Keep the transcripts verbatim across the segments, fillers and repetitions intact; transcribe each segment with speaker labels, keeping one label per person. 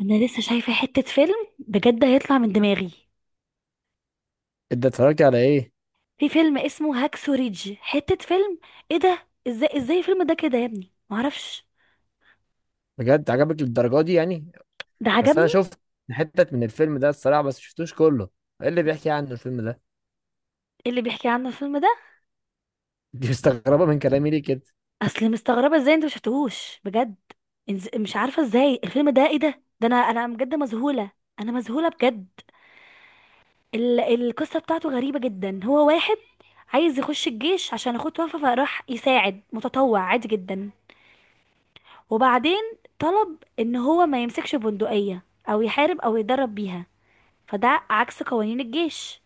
Speaker 1: انا لسه شايفه حته فيلم بجد هيطلع من دماغي.
Speaker 2: انت اتفرجت على ايه؟
Speaker 1: في فيلم اسمه هاكسو ريدج حته فيلم. ايه ده؟ ازاي ازاي الفيلم ده كده يا ابني؟ معرفش.
Speaker 2: بجد عجبك للدرجه دي يعني؟
Speaker 1: ده
Speaker 2: بس انا
Speaker 1: عجبني.
Speaker 2: شفت حتت من الفيلم ده الصراحه، بس شفتوش كله. ايه اللي بيحكي عنه الفيلم ده؟
Speaker 1: إيه اللي بيحكي عنه الفيلم ده؟
Speaker 2: دي مستغربه من كلامي ليه كده؟
Speaker 1: اصل مستغربه ازاي انت مشفتهوش بجد. إنز- مش عارفه ازاي الفيلم ده، ايه ده ده انا انا بجد مذهوله. انا مذهوله بجد. ال... القصه بتاعته غريبه جدا. هو واحد عايز يخش الجيش عشان اخوه توفى، فراح يساعد متطوع عادي جدا. وبعدين طلب ان هو ما يمسكش بندقية او يحارب او يدرب بيها. فده عكس قوانين الجيش.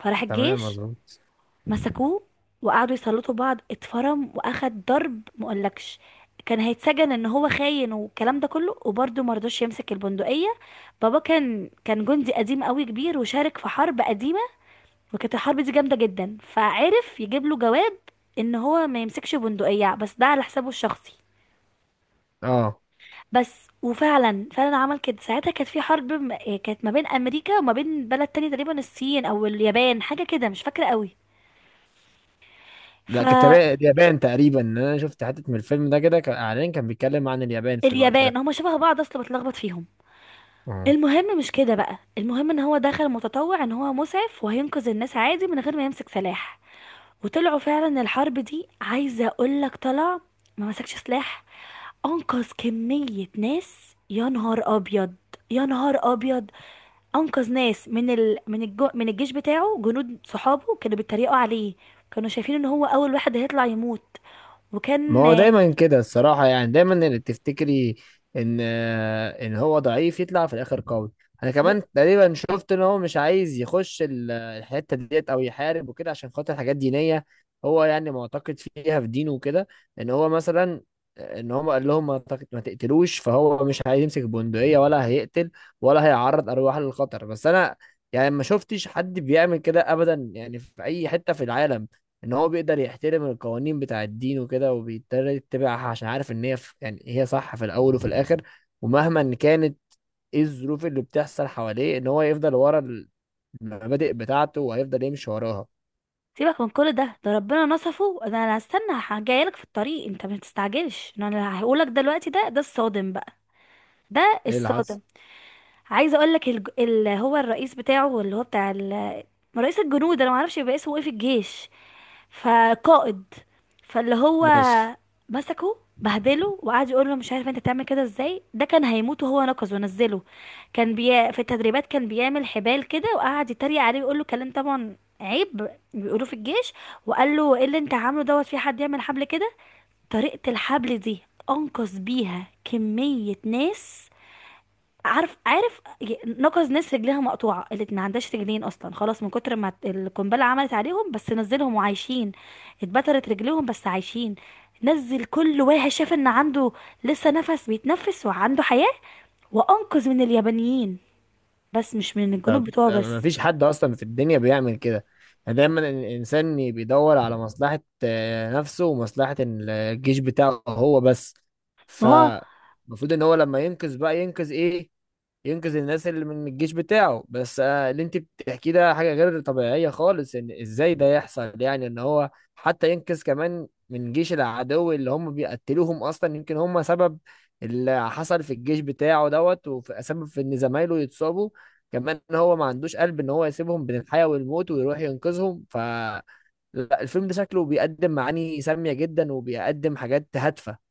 Speaker 1: فراح
Speaker 2: تمام،
Speaker 1: الجيش
Speaker 2: مظبوط.
Speaker 1: مسكوه، وقعدوا يسلطوا بعض. اتفرم، واخد ضرب مقولكش. كان هيتسجن ان هو خاين والكلام ده كله، وبرضه مرضوش يمسك البندقية. بابا كان كان جندي قديم قوي كبير، وشارك في حرب قديمة، وكانت الحرب دي جامدة جدا، فعرف يجيب له جواب ان هو ما يمسكش بندقية، بس ده على حسابه الشخصي.
Speaker 2: اه.
Speaker 1: بس وفعلا فعلا عمل كده. ساعتها كانت في حرب م- آه، كانت ما بين امريكا وما بين بلد تاني، تقريبا الصين او اليابان، حاجه كده مش فاكره قوي.
Speaker 2: لا، كانت تبع-
Speaker 1: فاليابان،
Speaker 2: اليابان تقريبا. انا شفت حتت من الفيلم ده كده، كان اعلان كان بيتكلم عن اليابان في الوقت ده.
Speaker 1: هما شبه بعض اصلا، بتلخبط فيهم.
Speaker 2: اه.
Speaker 1: المهم مش كده بقى. المهم ان هو دخل متطوع، ان هو مسعف وهينقذ الناس عادي من غير ما يمسك سلاح. وطلعوا فعلا الحرب دي، عايزه اقول لك طلع ما مسكش سلاح. انقذ كميه ناس. يا نهار ابيض، يا نهار ابيض! انقذ ناس من ال... من الجو... من الجيش بتاعه. جنود صحابه كانوا بيتريقوا عليه، كانوا شايفين ان هو اول واحد هيطلع يموت.
Speaker 2: ما
Speaker 1: وكان
Speaker 2: هو دايما كده الصراحة يعني، دايما اللي بتفتكري ان آه، ان هو ضعيف يطلع في الاخر قوي. انا
Speaker 1: ب...
Speaker 2: كمان تقريبا شفت ان هو مش عايز يخش ال- الحتة ديت او يحارب وكده عشان خاطر حاجات دينية. هو يعني معتقد فيها في دينه وكده، ان هو مثلا ان هو قال لهم ما تق- ما تقتلوش، فهو مش عايز يمسك بندقية ولا هيقتل ولا هيعرض ارواح للخطر. بس انا يعني ما شفتش حد بيعمل كده ابدا، يعني في اي حتة في العالم، ان هو بيقدر يحترم القوانين بتاع الدين وكده وبيضطر يتبعها عشان عارف ان هي ف- يعني هي صح في الاول وفي الاخر. ومهما إن كانت ايه الظروف اللي بتحصل حواليه، ان هو يفضل ورا المبادئ بتاعته وهيفضل يمشي وراها.
Speaker 1: سيبك من كل ده ده ربنا نصفه. ده انا هستنى. ه- جايلك في الطريق، انت ما تستعجلش. إن انا هقولك دلوقتي، ده ده الصادم بقى. ده
Speaker 2: ايه اللي
Speaker 1: الصادم.
Speaker 2: حصل؟
Speaker 1: عايزه اقول لك الج... اللي هو الرئيس بتاعه، اللي هو بتاع ال... رئيس الجنود. انا ما اعرفش يبقى اسمه ايه في الجيش، فقائد. فاللي هو
Speaker 2: ماشي.
Speaker 1: مسكه بهدله، وقعد يقول له مش عارف انت بتعمل كده ازاي، ده كان هيموت وهو نقز ونزله. كان بي... في التدريبات كان بيعمل حبال كده، وقعد يتريق عليه ويقول له كلام طبعا عيب بيقولوه في الجيش، وقال له ايه اللي انت عامله دوت، في حد يعمل حبل كده؟ طريقة الحبل دي انقذ بيها كمية ناس. عارف عارف، نقص ناس رجليها مقطوعه، اللي ما عندهاش رجلين اصلا خلاص من كتر ما القنبله عملت عليهم، بس نزلهم وعايشين. اتبترت رجليهم بس عايشين. نزل كل واحد شاف ان عنده لسه نفس بيتنفس وعنده حياه. وانقذ من اليابانيين، بس مش من الجنوب
Speaker 2: طب
Speaker 1: بتوعه
Speaker 2: ما
Speaker 1: بس.
Speaker 2: فيش حد اصلا في الدنيا بيعمل كده، يعني دايما ال- الانسان بيدور على مصلحة آه، نفسه ومصلحة ال- الجيش بتاعه هو بس.
Speaker 1: ما هو
Speaker 2: فالمفروض ان هو لما ينقذ بقى ينقذ ايه؟ ينقذ الناس اللي من الجيش بتاعه بس. آه، اللي انت بتحكيه ده حاجة غير طبيعية خالص، ان ازاي ده يحصل يعني، ان هو حتى ينقذ كمان من جيش العدو اللي هم بيقتلوهم اصلا، يمكن هم سبب اللي حصل في الجيش بتاعه دوت وسبب في ان زمايله يتصابوا كمان. ان هو ما عندوش قلب ان هو يسيبهم بين الحياة والموت ويروح ينقذهم. فالفيلم ده شكله بيقدم معاني سامية جدا وبيقدم حاجات هادفة.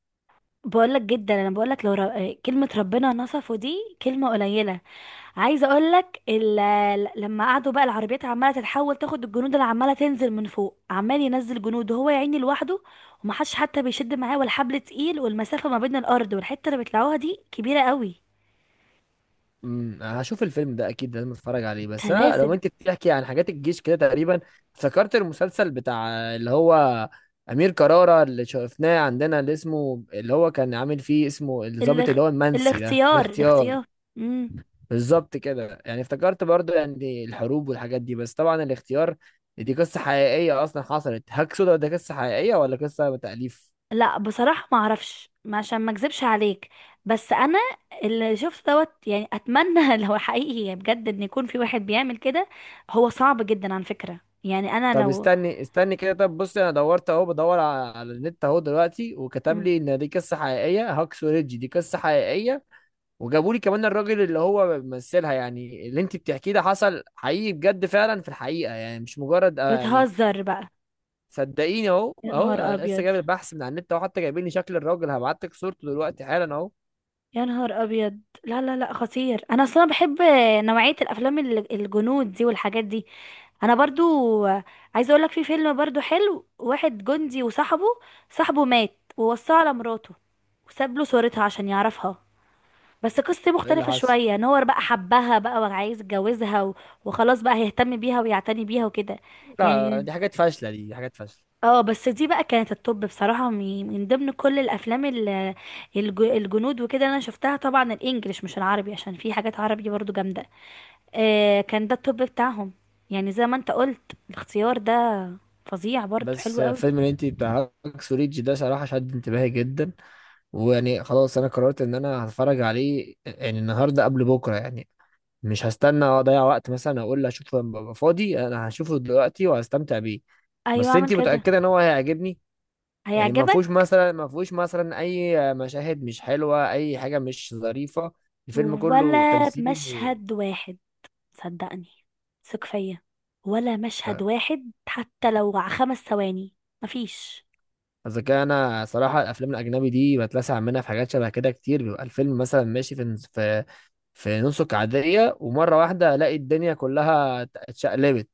Speaker 1: بقولك جدا، انا بقولك لو ر... كلمه ربنا نصفه دي كلمه قليله. عايزه اقول لك، لما قعدوا بقى العربيات عماله تتحول تاخد الجنود اللي عماله تنزل من فوق، عمال ينزل جنود، وهو يا عيني لوحده، ومحدش حتى بيشد معاه ولا حبل تقيل، والمسافه ما بين الارض والحته اللي بيطلعوها دي كبيره قوي.
Speaker 2: امم هشوف الفيلم ده اكيد، لازم اتفرج عليه.
Speaker 1: ده
Speaker 2: بس انا لو
Speaker 1: لازم.
Speaker 2: انت بتحكي عن حاجات الجيش كده تقريبا، افتكرت المسلسل بتاع اللي هو امير كرارة اللي شفناه عندنا اللي اسمه، اللي هو كان عامل فيه، اسمه الضابط
Speaker 1: الاخ...
Speaker 2: اللي هو المنسي ده،
Speaker 1: الاختيار،
Speaker 2: الاختيار.
Speaker 1: الاختيار. امم.
Speaker 2: بالظبط كده، يعني افتكرت برضو يعني الحروب والحاجات دي. بس طبعا الاختيار دي قصة حقيقية اصلا حصلت. هاك سودا ده قصة حقيقية ولا قصة تأليف؟
Speaker 1: لا بصراحه ما اعرفش، ما- عشان ما اكذبش عليك. بس انا اللي شفت دوت يعني، اتمنى لو حقيقي بجد ان يكون في واحد بيعمل كده. هو صعب جدا على فكره، يعني انا
Speaker 2: طب
Speaker 1: لو.
Speaker 2: استني استني كده، طب بص، انا دورت اهو بدور على, على النت اهو دلوقتي، وكتب
Speaker 1: مم.
Speaker 2: لي ان دي قصه حقيقيه، هاكس وريدج دي قصه حقيقيه، وجابوا لي كمان الراجل اللي هو بيمثلها، يعني اللي انت بتحكيه ده حصل حقيقي بجد فعلا في الحقيقه، يعني مش مجرد آه يعني.
Speaker 1: بتهزر بقى؟
Speaker 2: صدقيني، اهو
Speaker 1: يا
Speaker 2: اهو
Speaker 1: نهار
Speaker 2: أنا لسه
Speaker 1: ابيض،
Speaker 2: جايب البحث من على النت اهو، حتى جايبين لي شكل الراجل، هبعت لك صورته دلوقتي حالا اهو.
Speaker 1: يا نهار ابيض! لا لا لا، خطير. انا اصلا بحب نوعيه الافلام ال- الجنود دي والحاجات دي. انا برضو عايزه اقول لك في فيلم برضو حلو. واحد جندي وصاحبه، صاحبه مات ووصاه على مراته، وساب له صورتها عشان يعرفها. بس قصتي
Speaker 2: ايه اللي
Speaker 1: مختلفه
Speaker 2: حصل؟
Speaker 1: شويه ان هو بقى حبها بقى وعايز يتجوزها و- وخلاص بقى هيهتم بيها ويعتني بيها وكده
Speaker 2: لا،
Speaker 1: يعني.
Speaker 2: دي حاجات فاشله، دي, دي حاجات فاشله.
Speaker 1: اه، بس دي بقى كانت التوب بصراحة، من من ضمن كل الافلام ال- الج- الجنود وكده اللي انا شفتها، طبعا الانجليش مش العربي، عشان في حاجات عربي برضو جامدة. آه، كان ده التوب بتاعهم. يعني زي ما انت قلت الاختيار ده فظيع برضو،
Speaker 2: بس
Speaker 1: حلو
Speaker 2: آه،
Speaker 1: قوي.
Speaker 2: فيلم اللي انت بتاع هاكس وريدج ده صراحه شد انتباهي جدا، ويعني خلاص انا قررت ان انا هتفرج عليه يعني النهارده قبل بكره يعني. مش هستنى اضيع وقت مثلا اقول اشوف لما ابقى فاضي، انا هشوفه دلوقتي وهستمتع بيه.
Speaker 1: ايوه
Speaker 2: بس
Speaker 1: اعمل
Speaker 2: انتي
Speaker 1: كده.
Speaker 2: متاكده ان هو هيعجبني؟ يعني ما فيهوش
Speaker 1: هيعجبك.
Speaker 2: مثلا ما فيهوش مثلا اي مشاهد مش حلوه، اي حاجه مش ظريفه. الفيلم كله
Speaker 1: ولا
Speaker 2: تمثيل و...
Speaker 1: مشهد واحد. صدقني، ثق فيا. ولا مشهد واحد حتى لو ع- خمس ثواني. مفيش.
Speaker 2: اذا كان انا صراحه الافلام الاجنبي دي بتلسع منها في حاجات شبه كده كتير، بيبقى الفيلم مثلا ماشي في في في نسق عاديه ومره واحده الاقي الدنيا كلها اتشقلبت.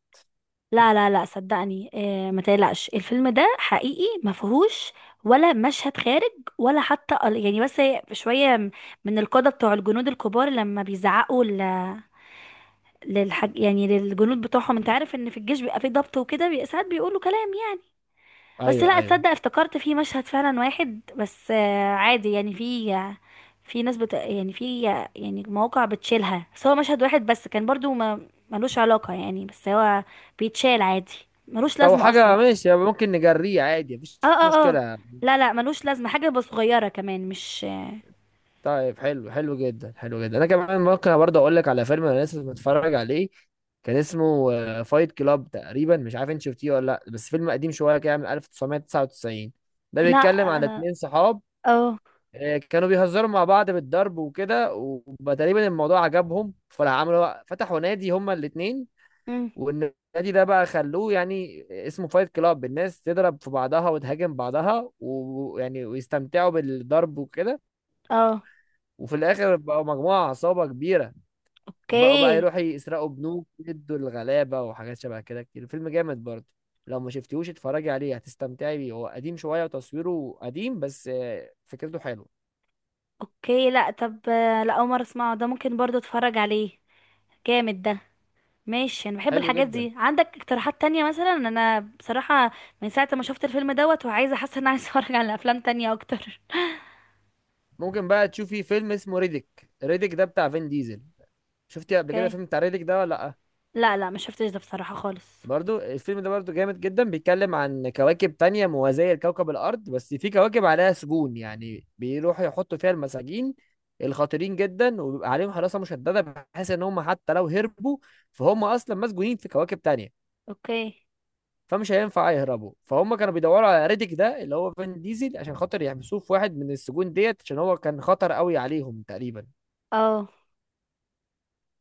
Speaker 1: لا لا لا، صدقني، آه ما تقلقش. الفيلم ده حقيقي، ما فيهوش ولا مشهد خارج. ولا حتى ال- يعني بس هي شويه م- من القاده بتوع الجنود الكبار، لما بيزعقوا ل- للحج يعني، للجنود بتوعهم. انت عارف ان في الجيش بيبقى فيه ضبط وكده، بي- ساعات بيقولوا كلام يعني. بس
Speaker 2: ايوه،
Speaker 1: لا
Speaker 2: ايوه.
Speaker 1: تصدق، افتكرت في مشهد فعلا واحد بس، آه عادي يعني. في في ناس بت يعني في، يعني مواقع بتشيلها، بس هو مشهد واحد بس، كان برضو ما ملوش علاقه يعني، بس هو بيتشال عادي، ملوش
Speaker 2: طب
Speaker 1: لازمه اصلا.
Speaker 2: حاجه ماشي يبقى ممكن نجريه عادي مفيش
Speaker 1: اه اه اه.
Speaker 2: مشكله.
Speaker 1: لا لا، ملوش لازمة حاجة بس صغيرة كمان مش.
Speaker 2: طيب، حلو حلو جدا، حلو جدا. انا كمان ممكن برضه اقول لك على فيلم انا لسه متفرج عليه، كان اسمه فايت كلاب تقريبا. مش عارف انت شفتيه ولا لا، بس فيلم قديم شويه كده من ألف وتسعمية وتسعة وتسعين. ده
Speaker 1: لا
Speaker 2: بيتكلم عن
Speaker 1: انا
Speaker 2: اتنين صحاب
Speaker 1: اه.
Speaker 2: آه، كانوا بيهزروا مع بعض بالضرب وكده، وتقريبا الموضوع عجبهم فراح عملوا فتحوا نادي هما الاتنين.
Speaker 1: امم.
Speaker 2: والنادي ده بقى خلوه يعني اسمه فايت كلاب، الناس تضرب في بعضها وتهاجم بعضها ويعني ويستمتعوا بالضرب وكده.
Speaker 1: اه.
Speaker 2: وفي الاخر بقوا مجموعة عصابة كبيرة، وبقوا بقى
Speaker 1: اوكي.
Speaker 2: يروحوا يسرقوا بنوك يدوا الغلابة وحاجات شبه كده كتير. الفيلم جامد برضه، لو ما شفتيهوش اتفرجي عليه هتستمتعي بيه. هو قديم شوية وتصويره قديم، بس آه، فكرته حلوه.
Speaker 1: اوكي لا، طب آه، لا اول مرة اسمعه ده، ممكن برضو اتفرج عليه. جامد ده. ماشي، انا بحب
Speaker 2: حلو
Speaker 1: الحاجات
Speaker 2: جدا.
Speaker 1: دي. عندك اقتراحات تانية مثلا؟ انا بصراحة من ساعة ما شفت الفيلم دوت، وعايزة حاسة ان أنا عايزة اتفرج على افلام تانية اكتر.
Speaker 2: ممكن بقى تشوفي فيلم اسمه ريديك ريديك ده بتاع فين ديزل. شفتي قبل كده
Speaker 1: اوكي.
Speaker 2: فيلم بتاع ريديك ده ولا لأ؟
Speaker 1: لا لا ما شفتش ده بصراحة خالص.
Speaker 2: برضو الفيلم ده برضو جامد جدا، بيتكلم عن كواكب تانية موازية لكوكب الأرض، بس في كواكب عليها سجون يعني بيروحوا يحطوا فيها المساجين الخطيرين جدا، وبيبقى عليهم حراسة مشددة بحيث إن هم حتى لو هربوا فهم أصلا مسجونين في كواكب تانية
Speaker 1: اوكي.
Speaker 2: فمش هينفع يهربوا. فهم كانوا بيدوروا على ريديك ده اللي هو فين ديزل عشان خاطر يحبسوه في واحد من السجون ديت، عشان هو كان خطر قوي عليهم تقريبا.
Speaker 1: اه.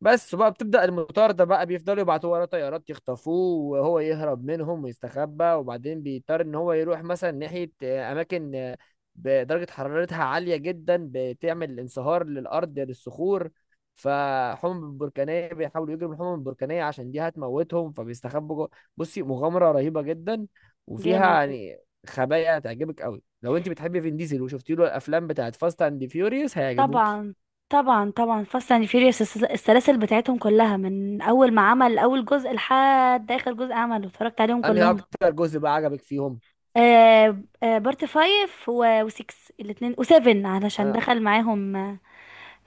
Speaker 2: بس وبقى بتبدأ المطاردة بقى، بيفضلوا يبعتوا وراه طيارات يخطفوه، وهو يهرب منهم ويستخبى، وبعدين بيضطر ان هو يروح مثلا ناحية آه، اماكن آه، بدرجة حرارتها عالية جدا بتعمل انصهار للأرض للصخور. فالحمم البركانية بيحاولوا يجروا من الحمم البركانية عشان دي هتموتهم فبيستخبوا جوه. بصي، مغامرة رهيبة جدا، وفيها
Speaker 1: جامد.
Speaker 2: يعني خبايا هتعجبك قوي. لو انت بتحبي فين ديزل وشفتي له الافلام بتاعت فاست اند فيوريوس هيعجبوكي.
Speaker 1: طبعا. طبعا طبعا، فاست اند فيوريوس السلاسل بتاعتهم كلها من اول ما عمل اول جزء لحد اخر جزء عمله اتفرجت عليهم
Speaker 2: انهي
Speaker 1: كلهم.
Speaker 2: اكتر جزء بقى عجبك فيهم؟
Speaker 1: آه آه، بارت فايف و وسكس الاتنين وسيفن، علشان دخل معاهم آه،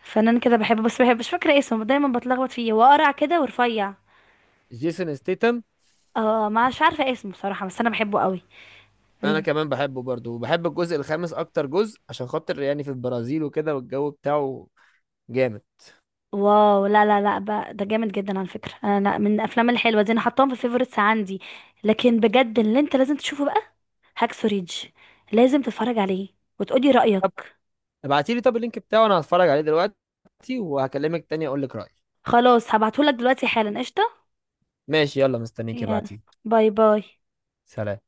Speaker 1: فنان كده بحبه. بس بحب، مش فاكرة اسمه، دايما بتلخبط فيه. هو قرع كده ورفيع.
Speaker 2: جيسون ستيتم.
Speaker 1: اه مش عارفة اسمه بصراحة، بس انا بحبه قوي.
Speaker 2: انا
Speaker 1: من-
Speaker 2: كمان بحبه برضه، وبحب الجزء الخامس اكتر جزء عشان خاطر يعني في البرازيل وكده والجو بتاعه جامد.
Speaker 1: واو! لا لا لا، بقى ده جامد جدا على فكرة. انا لا، من الافلام الحلوة دي انا حطاهم في الفيفوريتس عندي. لكن بجد اللي انت لازم تشوفه هاكسو ريدج. لازم تتفرج عليه وتقولي
Speaker 2: طب
Speaker 1: رأيك.
Speaker 2: ابعتيلي طب اللينك بتاعه انا هتفرج عليه دلوقتي، وهكلمك تاني اقول لك رأيي.
Speaker 1: خلاص هبعتهولك دلوقتي حالا، قشطة.
Speaker 2: ماشي، يلا مستنيك
Speaker 1: يلا.
Speaker 2: ابعتيه.
Speaker 1: باي باي.
Speaker 2: سلام.